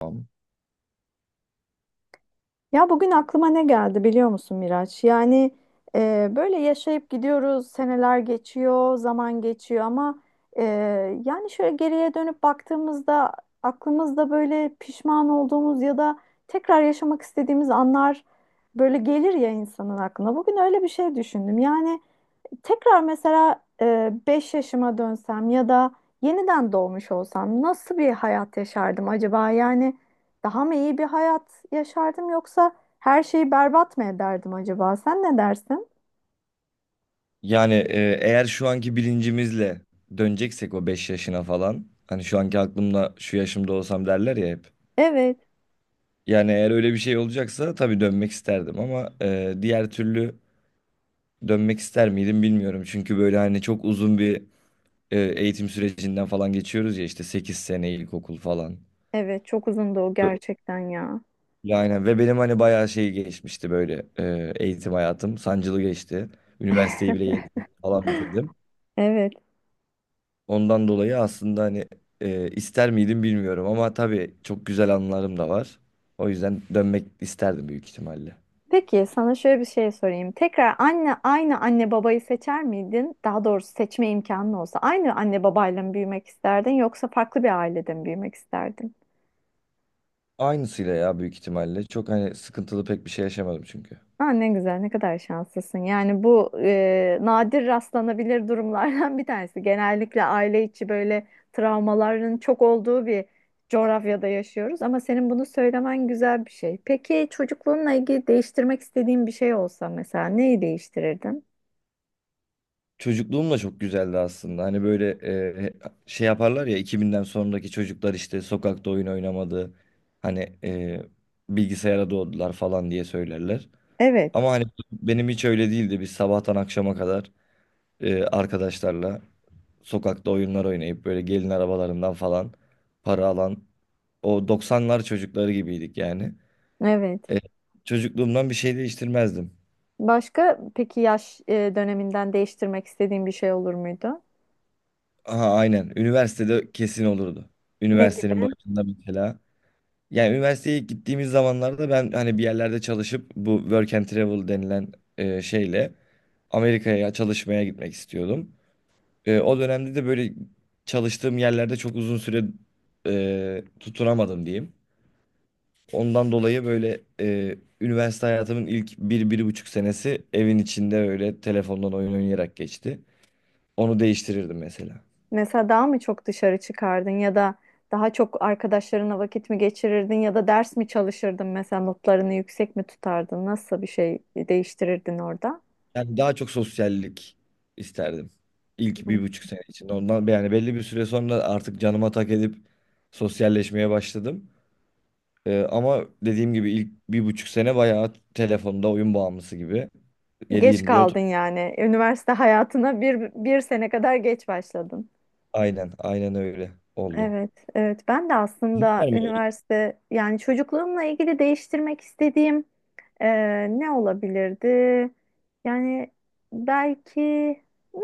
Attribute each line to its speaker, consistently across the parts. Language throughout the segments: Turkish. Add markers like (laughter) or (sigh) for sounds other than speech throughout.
Speaker 1: Tamam.
Speaker 2: Ya bugün aklıma ne geldi biliyor musun Miraç? Yani böyle yaşayıp gidiyoruz, seneler geçiyor, zaman geçiyor ama e, yani şöyle geriye dönüp baktığımızda aklımızda böyle pişman olduğumuz ya da tekrar yaşamak istediğimiz anlar böyle gelir ya insanın aklına. Bugün öyle bir şey düşündüm. Yani tekrar mesela 5 yaşıma dönsem ya da yeniden doğmuş olsam nasıl bir hayat yaşardım acaba? Yani daha mı iyi bir hayat yaşardım yoksa her şeyi berbat mı ederdim acaba? Sen ne dersin?
Speaker 1: Yani eğer şu anki bilincimizle döneceksek o 5 yaşına falan hani şu anki aklımda şu yaşımda olsam derler ya hep.
Speaker 2: Evet,
Speaker 1: Yani eğer öyle bir şey olacaksa tabii dönmek isterdim ama diğer türlü dönmek ister miydim bilmiyorum. Çünkü böyle hani çok uzun bir eğitim sürecinden falan geçiyoruz ya işte 8 sene ilkokul falan.
Speaker 2: evet çok uzundu o gerçekten ya.
Speaker 1: Yani ve benim hani bayağı şey geçmişti böyle eğitim hayatım sancılı geçti. Üniversiteyi bile 7 sene falan bitirdim.
Speaker 2: Evet.
Speaker 1: Ondan dolayı aslında hani ister miydim bilmiyorum ama tabii çok güzel anılarım da var. O yüzden dönmek isterdim büyük ihtimalle.
Speaker 2: Peki sana şöyle bir şey sorayım. Tekrar anne aynı anne babayı seçer miydin? Daha doğrusu seçme imkanın olsa aynı anne babayla mı büyümek isterdin yoksa farklı bir ailede mi büyümek isterdin?
Speaker 1: Aynısıyla ya büyük ihtimalle. Çok hani sıkıntılı pek bir şey yaşamadım çünkü.
Speaker 2: Aa, ne güzel, ne kadar şanslısın. Yani bu nadir rastlanabilir durumlardan bir tanesi. Genellikle aile içi böyle travmaların çok olduğu bir coğrafyada yaşıyoruz. Ama senin bunu söylemen güzel bir şey. Peki çocukluğunla ilgili değiştirmek istediğin bir şey olsa mesela neyi değiştirirdin?
Speaker 1: Çocukluğum da çok güzeldi aslında. Hani böyle e, şey yaparlar ya 2000'den sonraki çocuklar işte sokakta oyun oynamadı. Hani bilgisayara doğdular falan diye söylerler.
Speaker 2: Evet.
Speaker 1: Ama hani benim hiç öyle değildi. Biz sabahtan akşama kadar arkadaşlarla sokakta oyunlar oynayıp böyle gelin arabalarından falan para alan o 90'lar çocukları gibiydik yani.
Speaker 2: Evet.
Speaker 1: E, çocukluğumdan bir şey değiştirmezdim.
Speaker 2: Başka peki yaş döneminden değiştirmek istediğin bir şey olur muydu?
Speaker 1: Aha aynen. Üniversitede kesin olurdu.
Speaker 2: Ne
Speaker 1: Üniversitenin
Speaker 2: gibi?
Speaker 1: başında mesela. Yani üniversiteye ilk gittiğimiz zamanlarda ben hani bir yerlerde çalışıp bu work and travel denilen şeyle Amerika'ya çalışmaya gitmek istiyordum. O dönemde de böyle çalıştığım yerlerde çok uzun süre tutunamadım diyeyim. Ondan dolayı böyle üniversite hayatımın ilk bir, 1,5 senesi evin içinde öyle telefondan oyun oynayarak geçti. Onu değiştirirdim mesela.
Speaker 2: Mesela daha mı çok dışarı çıkardın ya da daha çok arkadaşlarına vakit mi geçirirdin ya da ders mi çalışırdın mesela notlarını yüksek mi tutardın? Nasıl bir şey değiştirirdin orada?
Speaker 1: Yani daha çok sosyallik isterdim ilk 1,5 sene içinde. Ondan yani belli bir süre sonra artık canıma tak edip sosyalleşmeye başladım. Ama dediğim gibi ilk 1,5 sene bayağı telefonda oyun bağımlısı gibi. yedi
Speaker 2: Geç
Speaker 1: yirmi dört.
Speaker 2: kaldın yani. Üniversite (laughs) hayatına bir sene kadar geç başladın.
Speaker 1: Aynen aynen öyle oldu.
Speaker 2: Evet, evet. Ben de
Speaker 1: Sizin
Speaker 2: aslında
Speaker 1: var mı?
Speaker 2: üniversite yani çocukluğumla ilgili değiştirmek istediğim. Ne olabilirdi? Yani belki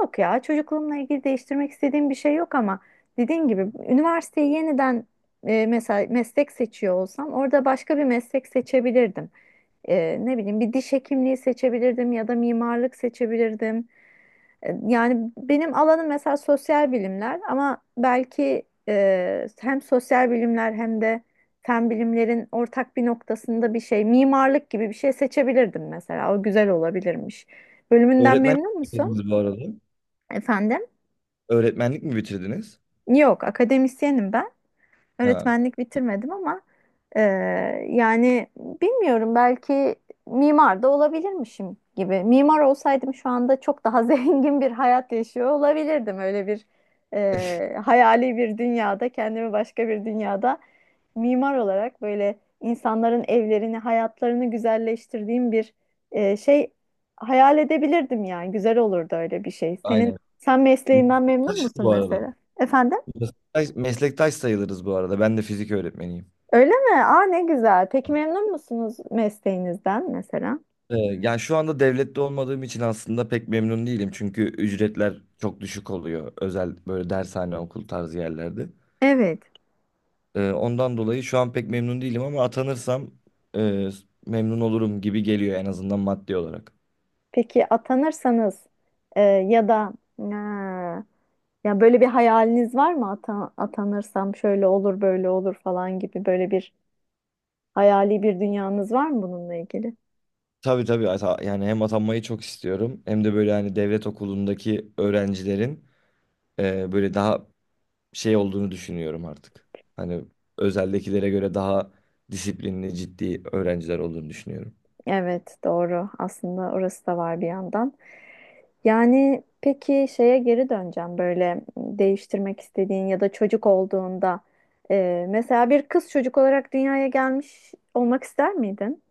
Speaker 2: yok ya çocukluğumla ilgili değiştirmek istediğim bir şey yok ama dediğin gibi üniversiteyi yeniden mesela meslek seçiyor olsam orada başka bir meslek seçebilirdim. Ne bileyim bir diş hekimliği seçebilirdim ya da mimarlık seçebilirdim. E, yani benim alanım mesela sosyal bilimler ama belki hem sosyal bilimler hem de fen bilimlerin ortak bir noktasında bir şey, mimarlık gibi bir şey seçebilirdim mesela. O güzel olabilirmiş. Bölümünden
Speaker 1: Öğretmenlik mi
Speaker 2: memnun musun?
Speaker 1: bitirdiniz bu arada?
Speaker 2: Efendim?
Speaker 1: Öğretmenlik mi bitirdiniz?
Speaker 2: Yok, akademisyenim ben.
Speaker 1: Ha,
Speaker 2: Öğretmenlik bitirmedim ama e, yani bilmiyorum belki mimar da olabilirmişim gibi. Mimar olsaydım şu anda çok daha (laughs) zengin bir hayat yaşıyor olabilirdim. Öyle bir hayali bir dünyada kendimi başka bir dünyada mimar olarak böyle insanların evlerini, hayatlarını güzelleştirdiğim bir şey hayal edebilirdim yani. Güzel olurdu öyle bir şey. Senin
Speaker 1: aynen.
Speaker 2: sen mesleğinden memnun
Speaker 1: Meslektaşız
Speaker 2: musun
Speaker 1: bu arada.
Speaker 2: mesela? Efendim?
Speaker 1: Meslektaş, meslektaş sayılırız bu arada. Ben de fizik öğretmeniyim.
Speaker 2: Öyle mi? Aa ne güzel. Peki memnun musunuz mesleğinizden mesela?
Speaker 1: Yani şu anda devlette olmadığım için aslında pek memnun değilim. Çünkü ücretler çok düşük oluyor. Özel böyle dershane, okul tarzı yerlerde.
Speaker 2: Evet.
Speaker 1: Ondan dolayı şu an pek memnun değilim ama atanırsam e, memnun olurum gibi geliyor en azından maddi olarak.
Speaker 2: Peki atanırsanız ya da ya böyle bir hayaliniz var mı? Atanırsam şöyle olur, böyle olur falan gibi böyle bir hayali bir dünyanız var mı bununla ilgili?
Speaker 1: Tabii tabii yani hem atanmayı çok istiyorum hem de böyle hani devlet okulundaki öğrencilerin böyle daha şey olduğunu düşünüyorum artık. Hani özeldekilere göre daha disiplinli, ciddi öğrenciler olduğunu düşünüyorum.
Speaker 2: Evet, doğru. Aslında orası da var bir yandan. Yani peki şeye geri döneceğim böyle değiştirmek istediğin ya da çocuk olduğunda. Mesela bir kız çocuk olarak dünyaya gelmiş olmak ister miydin?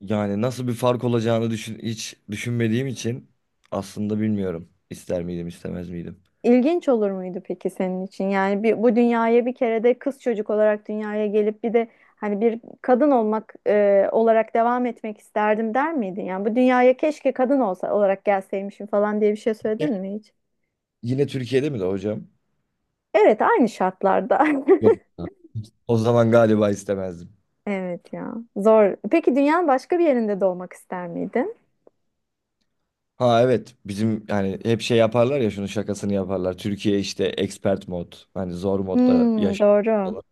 Speaker 1: Yani nasıl bir fark olacağını hiç düşünmediğim için aslında bilmiyorum. İster miydim, istemez miydim?
Speaker 2: İlginç olur muydu peki senin için? Yani bu dünyaya bir kere de kız çocuk olarak dünyaya gelip bir de hani bir kadın olmak olarak devam etmek isterdim der miydin? Yani bu dünyaya keşke kadın olsa olarak gelseymişim falan diye bir şey
Speaker 1: Ya.
Speaker 2: söyledin mi hiç?
Speaker 1: Yine Türkiye'de mi de hocam?
Speaker 2: Evet, aynı şartlarda.
Speaker 1: Yok.
Speaker 2: (laughs)
Speaker 1: O zaman galiba istemezdim.
Speaker 2: Evet ya. Zor. Peki dünyanın başka bir yerinde doğmak ister miydin?
Speaker 1: Ha, evet, bizim hani hep şey yaparlar ya, şunun şakasını yaparlar. Türkiye işte expert mod hani zor modda
Speaker 2: Hmm,
Speaker 1: yaşıyor
Speaker 2: doğru.
Speaker 1: falan.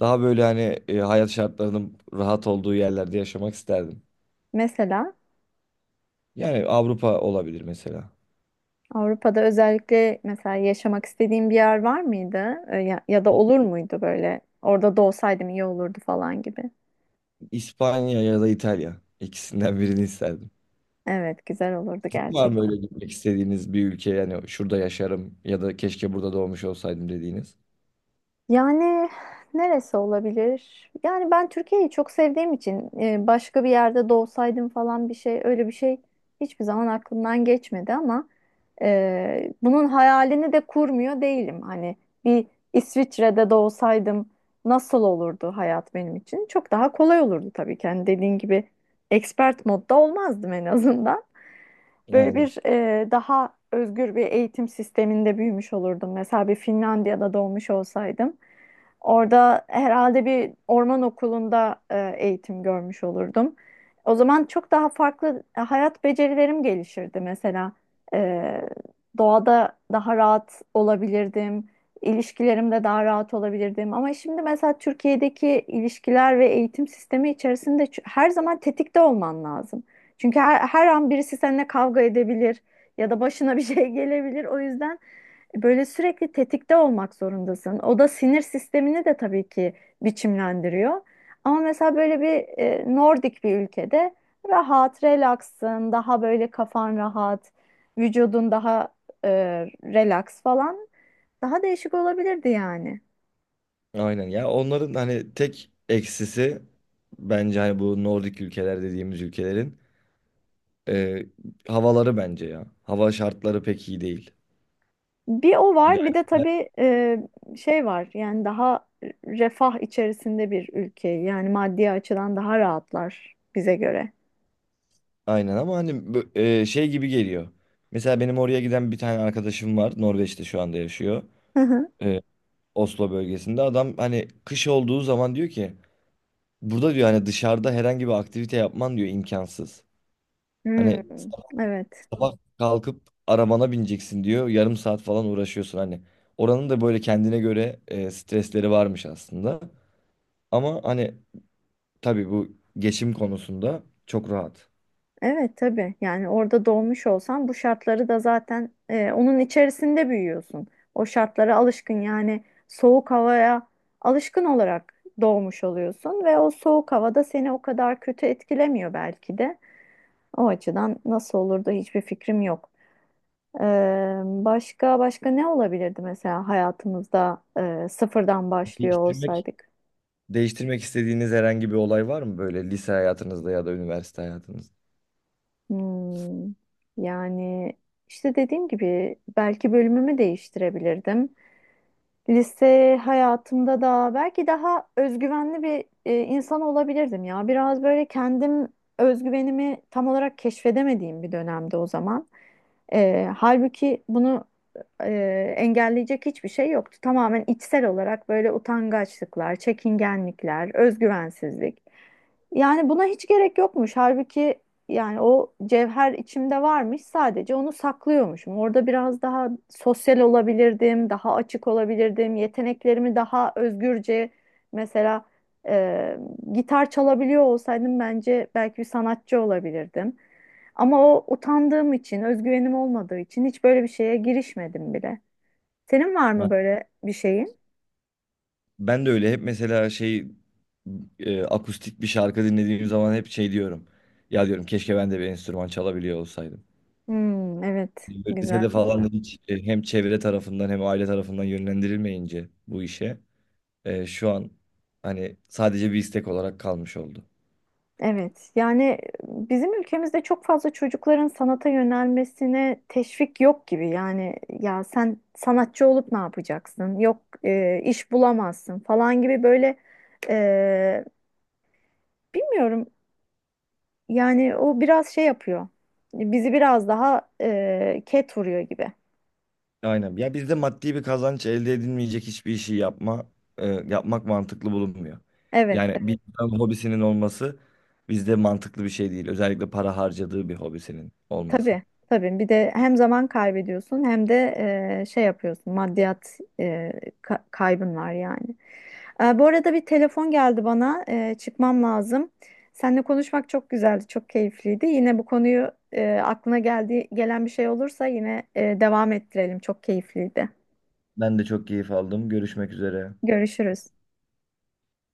Speaker 1: Daha böyle hani hayat şartlarının rahat olduğu yerlerde yaşamak isterdim.
Speaker 2: Mesela
Speaker 1: Yani Avrupa olabilir mesela.
Speaker 2: Avrupa'da özellikle mesela yaşamak istediğin bir yer var mıydı? Ya, ya da olur muydu böyle? Orada doğsaydım iyi olurdu falan gibi.
Speaker 1: İspanya ya da İtalya. İkisinden birini isterdim.
Speaker 2: Evet, güzel olurdu.
Speaker 1: Var mı öyle gitmek istediğiniz bir ülke, yani şurada yaşarım ya da keşke burada doğmuş olsaydım dediğiniz?
Speaker 2: Yani neresi olabilir? Yani ben Türkiye'yi çok sevdiğim için başka bir yerde doğsaydım falan bir şey öyle bir şey hiçbir zaman aklımdan geçmedi ama bunun hayalini de kurmuyor değilim. Hani bir İsviçre'de doğsaydım nasıl olurdu hayat benim için? Çok daha kolay olurdu tabii ki. Hani dediğin gibi expert modda olmazdım en azından. Böyle
Speaker 1: Aynen.
Speaker 2: bir daha özgür bir eğitim sisteminde büyümüş olurdum. Mesela bir Finlandiya'da doğmuş olsaydım. Orada herhalde bir orman okulunda eğitim görmüş olurdum. O zaman çok daha farklı hayat becerilerim gelişirdi mesela. E, doğada daha rahat olabilirdim. İlişkilerimde daha rahat olabilirdim. Ama şimdi mesela Türkiye'deki ilişkiler ve eğitim sistemi içerisinde her zaman tetikte olman lazım. Çünkü her an birisi seninle kavga edebilir ya da başına bir şey (laughs) gelebilir. O yüzden böyle sürekli tetikte olmak zorundasın. O da sinir sistemini de tabii ki biçimlendiriyor. Ama mesela böyle bir Nordik bir ülkede rahat, relaksın, daha böyle kafan rahat, vücudun daha e, relax falan daha değişik olabilirdi yani.
Speaker 1: Aynen ya, onların hani tek eksisi bence hani bu Nordik ülkeler dediğimiz ülkelerin e, havaları bence ya. Hava şartları pek iyi değil.
Speaker 2: Bir o
Speaker 1: Yani,
Speaker 2: var, bir de tabii şey var. Yani daha refah içerisinde bir ülke. Yani maddi açıdan daha rahatlar bize göre.
Speaker 1: aynen, ama hani şey gibi geliyor. Mesela benim oraya giden bir tane arkadaşım var. Norveç'te şu anda yaşıyor.
Speaker 2: Hı hı.
Speaker 1: E, Oslo bölgesinde. Adam hani kış olduğu zaman diyor ki burada diyor hani dışarıda herhangi bir aktivite yapman diyor imkansız.
Speaker 2: Hmm,
Speaker 1: Hani
Speaker 2: evet.
Speaker 1: sabah kalkıp arabana bineceksin diyor. Yarım saat falan uğraşıyorsun hani. Oranın da böyle kendine göre stresleri varmış aslında. Ama hani tabii bu geçim konusunda çok rahat.
Speaker 2: Evet tabii. Yani orada doğmuş olsan bu şartları da zaten onun içerisinde büyüyorsun. O şartlara alışkın yani soğuk havaya alışkın olarak doğmuş oluyorsun ve o soğuk havada seni o kadar kötü etkilemiyor belki de. O açıdan nasıl olur da hiçbir fikrim yok. Başka başka ne olabilirdi mesela hayatımızda sıfırdan başlıyor
Speaker 1: Değiştirmek,
Speaker 2: olsaydık?
Speaker 1: değiştirmek istediğiniz herhangi bir olay var mı böyle lise hayatınızda ya da üniversite hayatınızda?
Speaker 2: Hmm, Yani işte dediğim gibi belki bölümümü değiştirebilirdim. Lise hayatımda da belki daha özgüvenli bir insan olabilirdim ya. Biraz böyle kendim özgüvenimi tam olarak keşfedemediğim bir dönemde o zaman. E, halbuki bunu engelleyecek hiçbir şey yoktu. Tamamen içsel olarak böyle utangaçlıklar, çekingenlikler, özgüvensizlik. Yani buna hiç gerek yokmuş. Halbuki yani o cevher içimde varmış, sadece onu saklıyormuşum. Orada biraz daha sosyal olabilirdim, daha açık olabilirdim, yeteneklerimi daha özgürce mesela e, gitar çalabiliyor olsaydım bence belki bir sanatçı olabilirdim. Ama o utandığım için, özgüvenim olmadığı için hiç böyle bir şeye girişmedim bile. Senin var mı böyle bir şeyin?
Speaker 1: Ben de öyle hep mesela şey akustik bir şarkı dinlediğim zaman hep şey diyorum. Ya diyorum keşke ben de bir enstrüman çalabiliyor olsaydım.
Speaker 2: Hmm, evet,
Speaker 1: Böyle lisede
Speaker 2: güzel
Speaker 1: falan
Speaker 2: burada.
Speaker 1: da hiç hem çevre tarafından hem aile tarafından yönlendirilmeyince bu işe şu an hani sadece bir istek olarak kalmış oldu.
Speaker 2: Evet, yani bizim ülkemizde çok fazla çocukların sanata yönelmesine teşvik yok gibi. Yani ya sen sanatçı olup ne yapacaksın? Yok iş bulamazsın falan gibi böyle e, bilmiyorum. Yani o biraz şey yapıyor. Bizi biraz daha ket vuruyor gibi.
Speaker 1: Aynen. Ya bizde maddi bir kazanç elde edilmeyecek hiçbir işi yapmak mantıklı bulunmuyor.
Speaker 2: Evet.
Speaker 1: Yani bir insanın hobisinin olması bizde mantıklı bir şey değil. Özellikle para harcadığı bir hobisinin olması.
Speaker 2: Tabii, tabii. Bir de hem zaman kaybediyorsun hem de şey yapıyorsun. Maddiyat kaybın var yani. E, bu arada bir telefon geldi bana. E, çıkmam lazım. Seninle konuşmak çok güzeldi, çok keyifliydi. Yine bu konuyu aklına geldi, gelen bir şey olursa yine devam ettirelim. Çok keyifliydi.
Speaker 1: Ben de çok keyif aldım. Görüşmek üzere.
Speaker 2: Görüşürüz.